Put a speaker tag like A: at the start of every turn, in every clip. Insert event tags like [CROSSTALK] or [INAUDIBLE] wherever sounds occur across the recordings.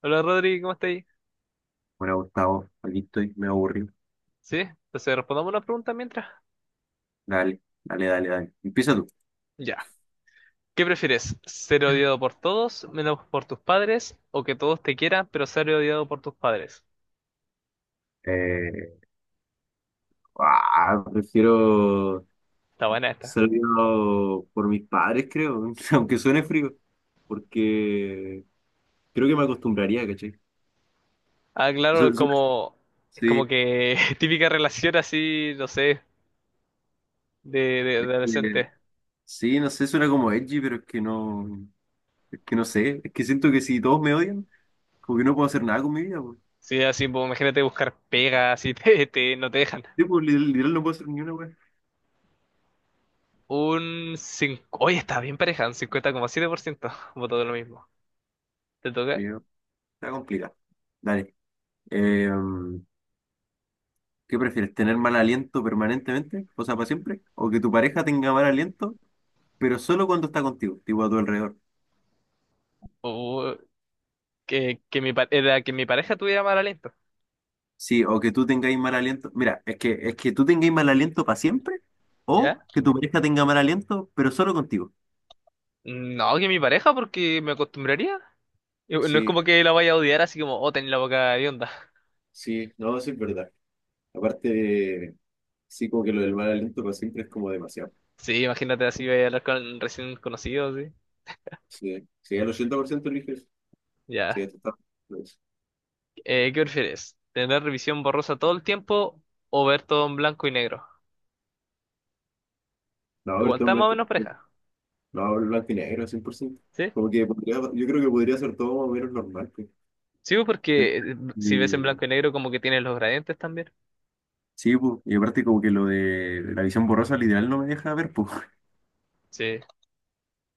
A: Hola Rodri, ¿cómo estáis?
B: Bueno, Gustavo, aquí estoy, me aburrí.
A: ¿Sí? Entonces respondamos una pregunta mientras.
B: Dale, dale, dale, dale. Empieza tú.
A: Ya. ¿Qué prefieres? ¿Ser odiado por todos, menos por tus padres? ¿O que todos te quieran, pero ser odiado por tus padres?
B: Eh, ah, prefiero
A: Está buena esta.
B: ser criado por mis padres, creo, [LAUGHS] aunque suene frío, porque creo que me acostumbraría, ¿cachai?
A: Ah,
B: O
A: claro,
B: sea,
A: es
B: sí,
A: como, es como
B: sí,
A: que [LAUGHS] típica relación así, no sé, de, de,
B: eh,
A: de adolescente.
B: sí, no sé, suena como edgy, pero es que no sé, es que siento que si todos me odian, como que no puedo hacer nada con mi vida, pues.
A: Sí, así, pues, imagínate buscar pegas así. [LAUGHS] No te dejan.
B: Sí, pues, literal, literal no puedo hacer ni una, weá.
A: Oye, está bien pareja, un 50,7%, [LAUGHS] votó lo mismo. ¿Te
B: Sí,
A: toca?
B: no, está complicado. Dale. Eh, ¿Qué prefieres? ¿Tener mal aliento permanentemente? O sea, para siempre. ¿O que tu pareja tenga mal aliento, pero solo cuando está contigo, tipo a tu alrededor?
A: Uh, que era que mi pareja tuviera mal aliento.
B: Sí, o que tú tengáis mal aliento. Mira, es que tú tengáis mal aliento para siempre, o
A: ¿Ya?
B: que tu pareja tenga mal aliento, pero solo contigo.
A: No, que mi pareja, porque me acostumbraría. Y no es
B: Sí,
A: como que la vaya a odiar así como, oh, tenés la boca onda.
B: sí, no, sí es verdad. Aparte, sí, como que lo del mal aliento para siempre es como demasiado.
A: [LAUGHS] Sí, imagínate así, voy a hablar con recién conocidos, sí.
B: Sí, sí, el 80% eliges. Sí,
A: Ya.
B: esto está.
A: ¿Qué prefieres? ¿Tener revisión borrosa todo el tiempo o ver todo en blanco y negro?
B: No, a ver,
A: Igual
B: todo en
A: está más o
B: blanco.
A: menos pareja,
B: No, hablo blanco y negro, 100%.
A: ¿sí?
B: Como que podría, yo creo que podría ser todo más o menos normal, pues.
A: Sí, pues, porque si ves en
B: Y-
A: blanco y negro como que tienes los gradientes también.
B: sí, pues, y aparte como que lo de la visión borrosa literal no me deja ver, pues.
A: Sí.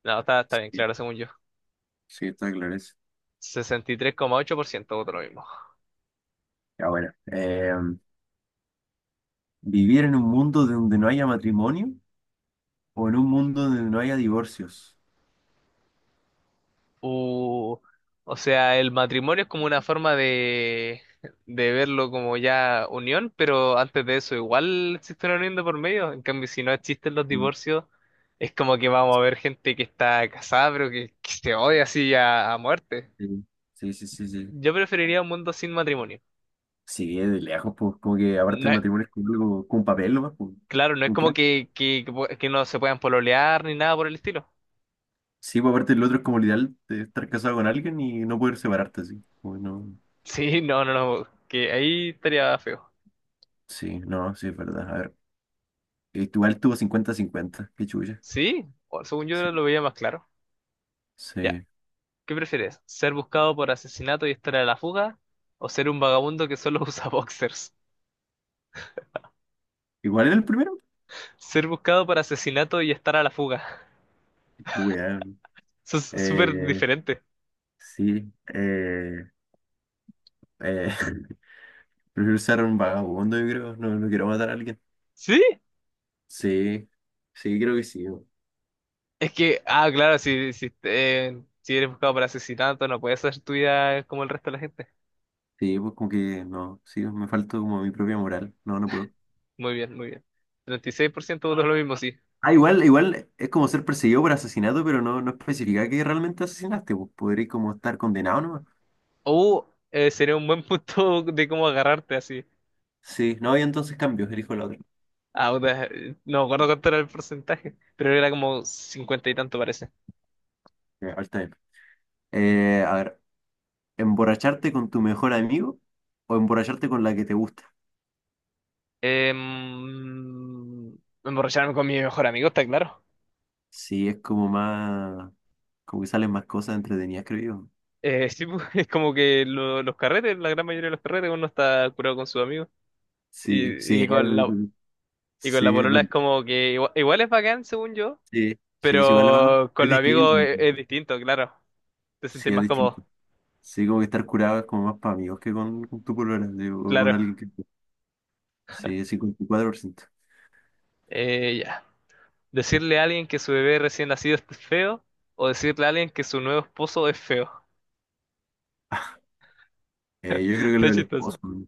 A: No, está bien
B: Sí,
A: claro, según yo.
B: sí, está claro eso.
A: 63,8% voto lo mismo.
B: Ya bueno, ¿vivir en un mundo donde no haya matrimonio o en un mundo donde no haya divorcios?
A: O, o sea, el matrimonio es como una forma de, verlo como ya unión, pero antes de eso igual existe una unión de por medio. En cambio, si no existen los
B: Mm.
A: divorcios, es como que vamos a ver gente que está casada, pero que se odia así a muerte.
B: Sí, sí, sí, sí. Sí,
A: Yo preferiría un mundo sin matrimonio.
B: sí, de lejos, pues como que aparte
A: No
B: el
A: es-
B: matrimonio es como, como un papel, nomás, pues.
A: claro, no es como que que no se puedan pololear ni nada por el estilo. [LAUGHS]
B: Sí, pues aparte el otro es como el ideal de estar casado con alguien y no poder separarte así. Bueno,
A: Sí, no, no, no, que ahí estaría feo.
B: sí, no, sí, es verdad. A ver, igual tuvo 50-50 qué chulla.
A: Sí, según yo
B: Sí,
A: lo veía más claro. Ya.
B: sí.
A: ¿Qué prefieres? ¿Ser buscado por asesinato y estar a la fuga? ¿O ser un vagabundo que solo [LAUGHS] usa boxers?
B: ¿Igual era el primero?
A: Ser buscado por asesinato y estar a la fuga.
B: Qué weón.
A: [LAUGHS] Eso es súper
B: Eh,
A: diferente.
B: sí, eh, [LAUGHS] prefiero ser un vagabundo, yo creo. No, no quiero matar a alguien.
A: ¿Sí?
B: Sí, sí, creo que sí, bo.
A: Es que, ah, claro, si eres buscado por asesinato, no puedes hacer tu vida como el resto de la gente.
B: Sí, pues como que no, sí, me falta como mi propia moral. No, no puedo.
A: Muy bien, muy bien. 36% votó lo mismo, sí.
B: Ah, igual, igual es como ser perseguido por asesinato, pero no, no especifica que realmente asesinaste, pues podrías como estar condenado nomás.
A: O Sería un buen [LAUGHS] punto de cómo agarrarte así.
B: Sí, no, y entonces cambio, elijo la otra.
A: Ah, puta, no me acuerdo cuánto era el porcentaje, pero era como cincuenta y tanto parece.
B: Ya, está bien. A ver, ¿emborracharte con tu mejor amigo o emborracharte con la que te gusta?
A: Em, Emborracharme con mi mejor amigo, está claro.
B: Sí, es como más, como que salen más cosas entretenidas, creo yo.
A: Sí, pues, [LAUGHS] es como que los carretes, la gran mayoría de los carretes, uno está curado con sus amigos.
B: Sí, sí,
A: Y, y con la, y con la
B: sí, es
A: polola
B: verdad.
A: es como que igual es bacán, según yo,
B: Sí, sí, es igual, va,
A: pero con
B: es
A: los amigos
B: distinto.
A: es distinto, claro. Te
B: Sí,
A: sentís
B: es
A: más
B: distinto.
A: cómodo,
B: Sí, como que estar curado es como más para amigos que con tu polola, digo, o con
A: claro.
B: alguien que... Sí, 54%.
A: Ya. Decirle a alguien que su bebé recién nacido es feo, o decirle a alguien que su nuevo esposo es feo.
B: [LAUGHS]
A: [LAUGHS]
B: Yo creo que lo
A: Está
B: del esposo,
A: chistoso.
B: ¿no?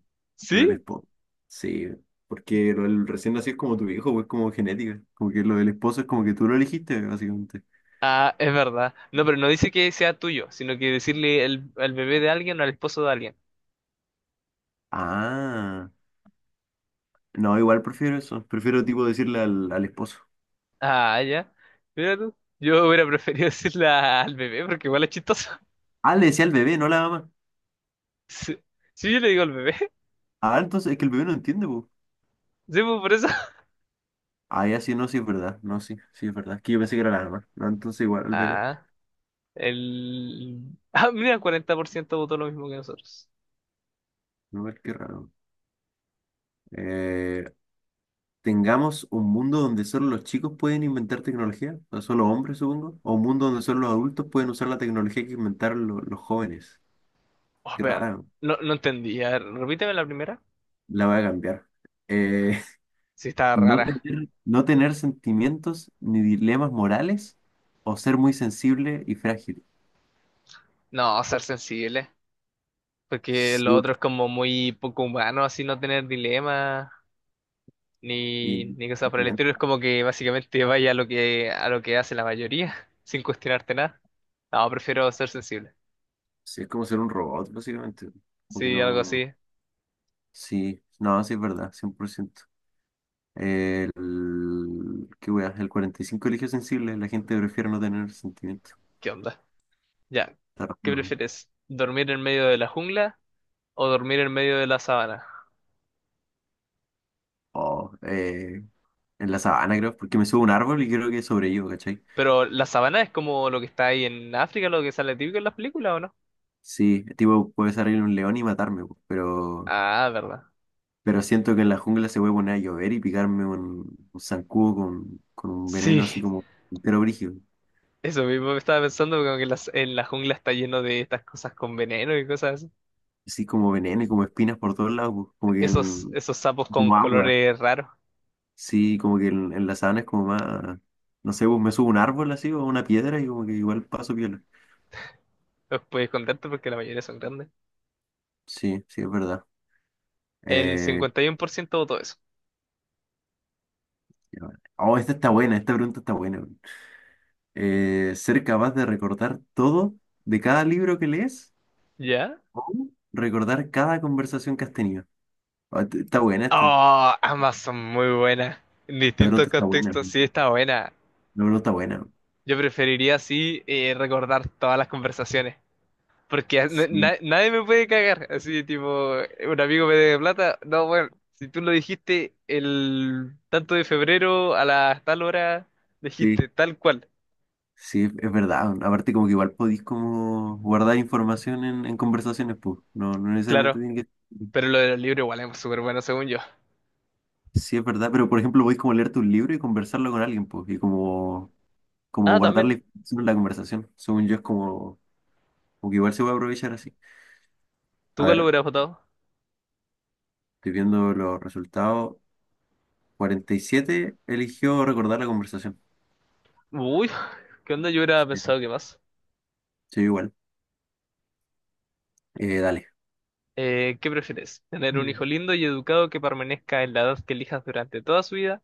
B: Lo del
A: ¿Sí?
B: esposo. Sí, porque lo del recién nacido es como tu hijo, pues como genética. Como que lo del esposo es como que tú lo elegiste, básicamente.
A: Ah, es verdad. No, pero no dice que sea tuyo, sino que decirle al bebé de alguien o al esposo de alguien.
B: Ah, no, igual prefiero eso. Prefiero tipo decirle al esposo.
A: Ah, ya. Mira tú. Yo hubiera [LAUGHS] preferido decirle al bebé porque igual es chistoso. [LAUGHS]
B: Ah, le decía al bebé, no a la mamá.
A: Sí, sí, yo le digo al bebé.
B: Ah, entonces es que el bebé no entiende, pues.
A: [LAUGHS] Sí, pues, por eso. [LAUGHS]
B: Ah, ya sí, no, sí es verdad. No, sí, sí es verdad. Es que yo pensé que era la mamá. No, entonces igual al bebé.
A: Ah, el... Ah, mira, 40% votó lo mismo que nosotros.
B: No, es que raro. Eh, tengamos un mundo donde solo los chicos pueden inventar tecnología, o solo hombres, supongo, o un mundo donde solo los adultos pueden usar la tecnología que inventaron los jóvenes.
A: Oh,
B: Qué
A: vean,
B: rara, ¿no?
A: no, no entendí. A ver, repíteme la primera.
B: La voy a cambiar. Eh,
A: Sí,
B: [LAUGHS]
A: está
B: no
A: rara.
B: tener, no tener sentimientos ni dilemas morales o ser muy sensible y frágil.
A: No, ser sensible. Porque
B: Sí,
A: lo otro es como muy poco humano, así no tener dilema.
B: y
A: Ni cosas por el estilo. Es como que básicamente vaya a lo que hace la mayoría, [LAUGHS] sin cuestionarte nada. No, prefiero ser sensible.
B: sí, es como ser un robot, básicamente. Porque
A: Sí, algo
B: no.
A: así.
B: Sí, no, sí es verdad, 100%. Qué wea, el 45 eligió sensible, la gente prefiere no tener sentimiento.
A: ¿Qué onda? Ya.
B: Está raro,
A: ¿Qué
B: ¿no?
A: prefieres? ¿Dormir en medio de la jungla o dormir en medio de la sabana?
B: O, en la sabana, creo, porque me subo a un árbol y creo que sobrevivo, ¿cachai?
A: Pero la sabana es como lo que está ahí en África, lo que sale típico en las películas, ¿o no?
B: Sí, tipo, puede salir un león y matarme, po,
A: Ah, verdad.
B: pero siento que en la jungla se puede poner a llover y picarme un zancudo con un
A: Sí,
B: veneno así como, pero brígido,
A: [LAUGHS] eso mismo me estaba pensando, como que en la jungla está lleno de estas cosas con veneno y cosas así.
B: así como veneno y como espinas por todos lados, po, como que
A: Esos,
B: en-
A: esos sapos con
B: como agua.
A: colores raros.
B: Sí, como que en la sabana es como más, no sé, pues me subo a un árbol así o a una piedra y como que igual paso piola.
A: Los podéis contar tú porque la mayoría son grandes.
B: Sí, sí, es verdad.
A: El
B: Eh,
A: 51% votó eso.
B: ya va. Oh, esta está buena, esta pregunta está buena, weón. ¿Ser capaz de recordar todo de cada libro que lees
A: ¿Ya?
B: o recordar cada conversación que has tenido? Ah, está buena esta,
A: Oh, ambas son muy buenas. En
B: la
A: distintos
B: pregunta está buena,
A: contextos
B: weón.
A: sí está buena.
B: La pregunta está buena, weón.
A: Yo preferiría, sí, recordar todas las conversaciones. Porque
B: Sí,
A: nadie me puede cagar. Así tipo, un amigo me debe plata. No, bueno, si tú lo dijiste el tanto de febrero a las tal hora,
B: sí,
A: dijiste tal cual.
B: sí, es verdad, weón. Aparte como que igual podéis como guardar información en conversaciones, pues, no, no necesariamente
A: Claro.
B: tiene que...
A: Pero lo de los libros igual es súper bueno según yo.
B: Sí, es verdad, pero por ejemplo, podéis como leerte un libro y conversarlo con alguien, pues, y como, como
A: Ah,
B: guardar la
A: también.
B: información en la conversación. Según yo, es como, como que igual se puede aprovechar así.
A: ¿Tú
B: A
A: cuál lo
B: ver,
A: hubieras votado?
B: estoy viendo los resultados. 47 eligió recordar la conversación.
A: Uy, ¿qué onda? Yo hubiera
B: Sí,
A: pensado que más.
B: sí, igual. Dale.
A: ¿Qué prefieres? ¿Tener un
B: Mm.
A: hijo lindo y educado que permanezca en la edad que elijas durante toda su vida?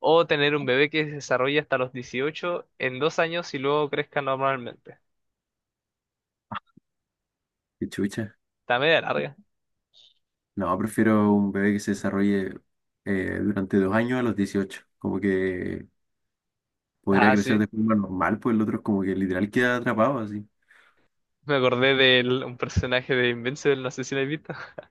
A: ¿O tener un bebé que se desarrolle hasta los 18 en 2 años y luego crezca normalmente?
B: Qué chucha.
A: Está media larga.
B: No, prefiero un bebé que se desarrolle durante 2 años a los 18. Como que podría
A: Ah,
B: crecer
A: sí.
B: de forma normal, pues el otro es como que literal queda atrapado así.
A: Me acordé de un personaje de Invincible, no sé si lo has visto. [LAUGHS]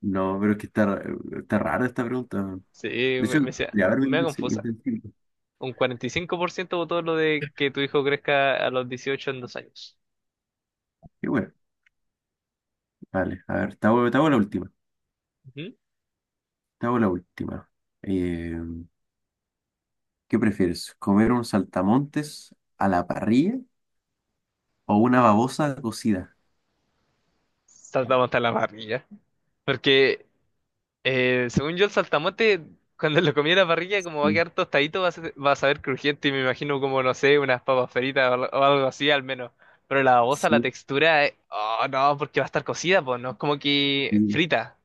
B: No, pero es que está, está rara esta pregunta.
A: Sí,
B: De
A: me,
B: hecho,
A: me decía,
B: de haber
A: me
B: vivido
A: da
B: en Sevilla, en
A: confusa.
B: principio.
A: Un 45% votó lo de que tu hijo crezca a los 18 en 2 años.
B: Y bueno, vale, a ver, te hago la última.
A: Ujú.
B: Te hago la última. Eh, ¿Qué prefieres? ¿Comer un saltamontes a la parrilla o una babosa cocida?
A: Saltamos hasta la parrilla. Porque Según yo, el saltamonte, cuando lo comí en la parrilla, como va a
B: Sí,
A: quedar tostadito, va a saber crujiente y me imagino como, no sé, unas papas fritas o algo así al menos. Pero la babosa, la
B: sí,
A: textura, oh no, porque va a estar cocida, pues no es como que
B: sí.
A: frita.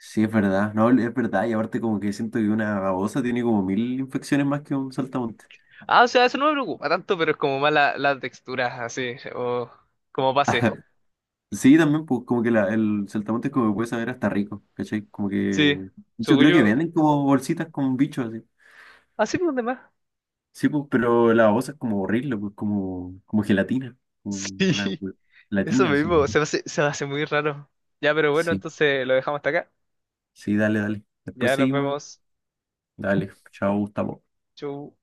B: Sí, es verdad. No, es verdad. Y aparte como que siento que una babosa tiene como mil infecciones más que un saltamontes.
A: Ah, o sea, eso no me preocupa tanto, pero es como más la textura, así, o como pase.
B: [LAUGHS] Sí, también, pues como que el saltamontes como que puede saber hasta rico, ¿cachai? Como que...
A: Sí,
B: De hecho,
A: según
B: creo que
A: yo,
B: venden como bolsitas con bichos así.
A: así por demás.
B: Sí, pues, pero la babosa es como horrible, pues, como gelatina,
A: [LAUGHS]
B: como una
A: Sí, eso
B: gelatina, así.
A: mismo, se me hace muy raro. Ya, pero bueno,
B: Sí.
A: entonces lo dejamos hasta acá.
B: Sí, dale, dale. Después
A: Ya nos
B: seguimos.
A: vemos.
B: Dale, chao, Gustavo.
A: Chau.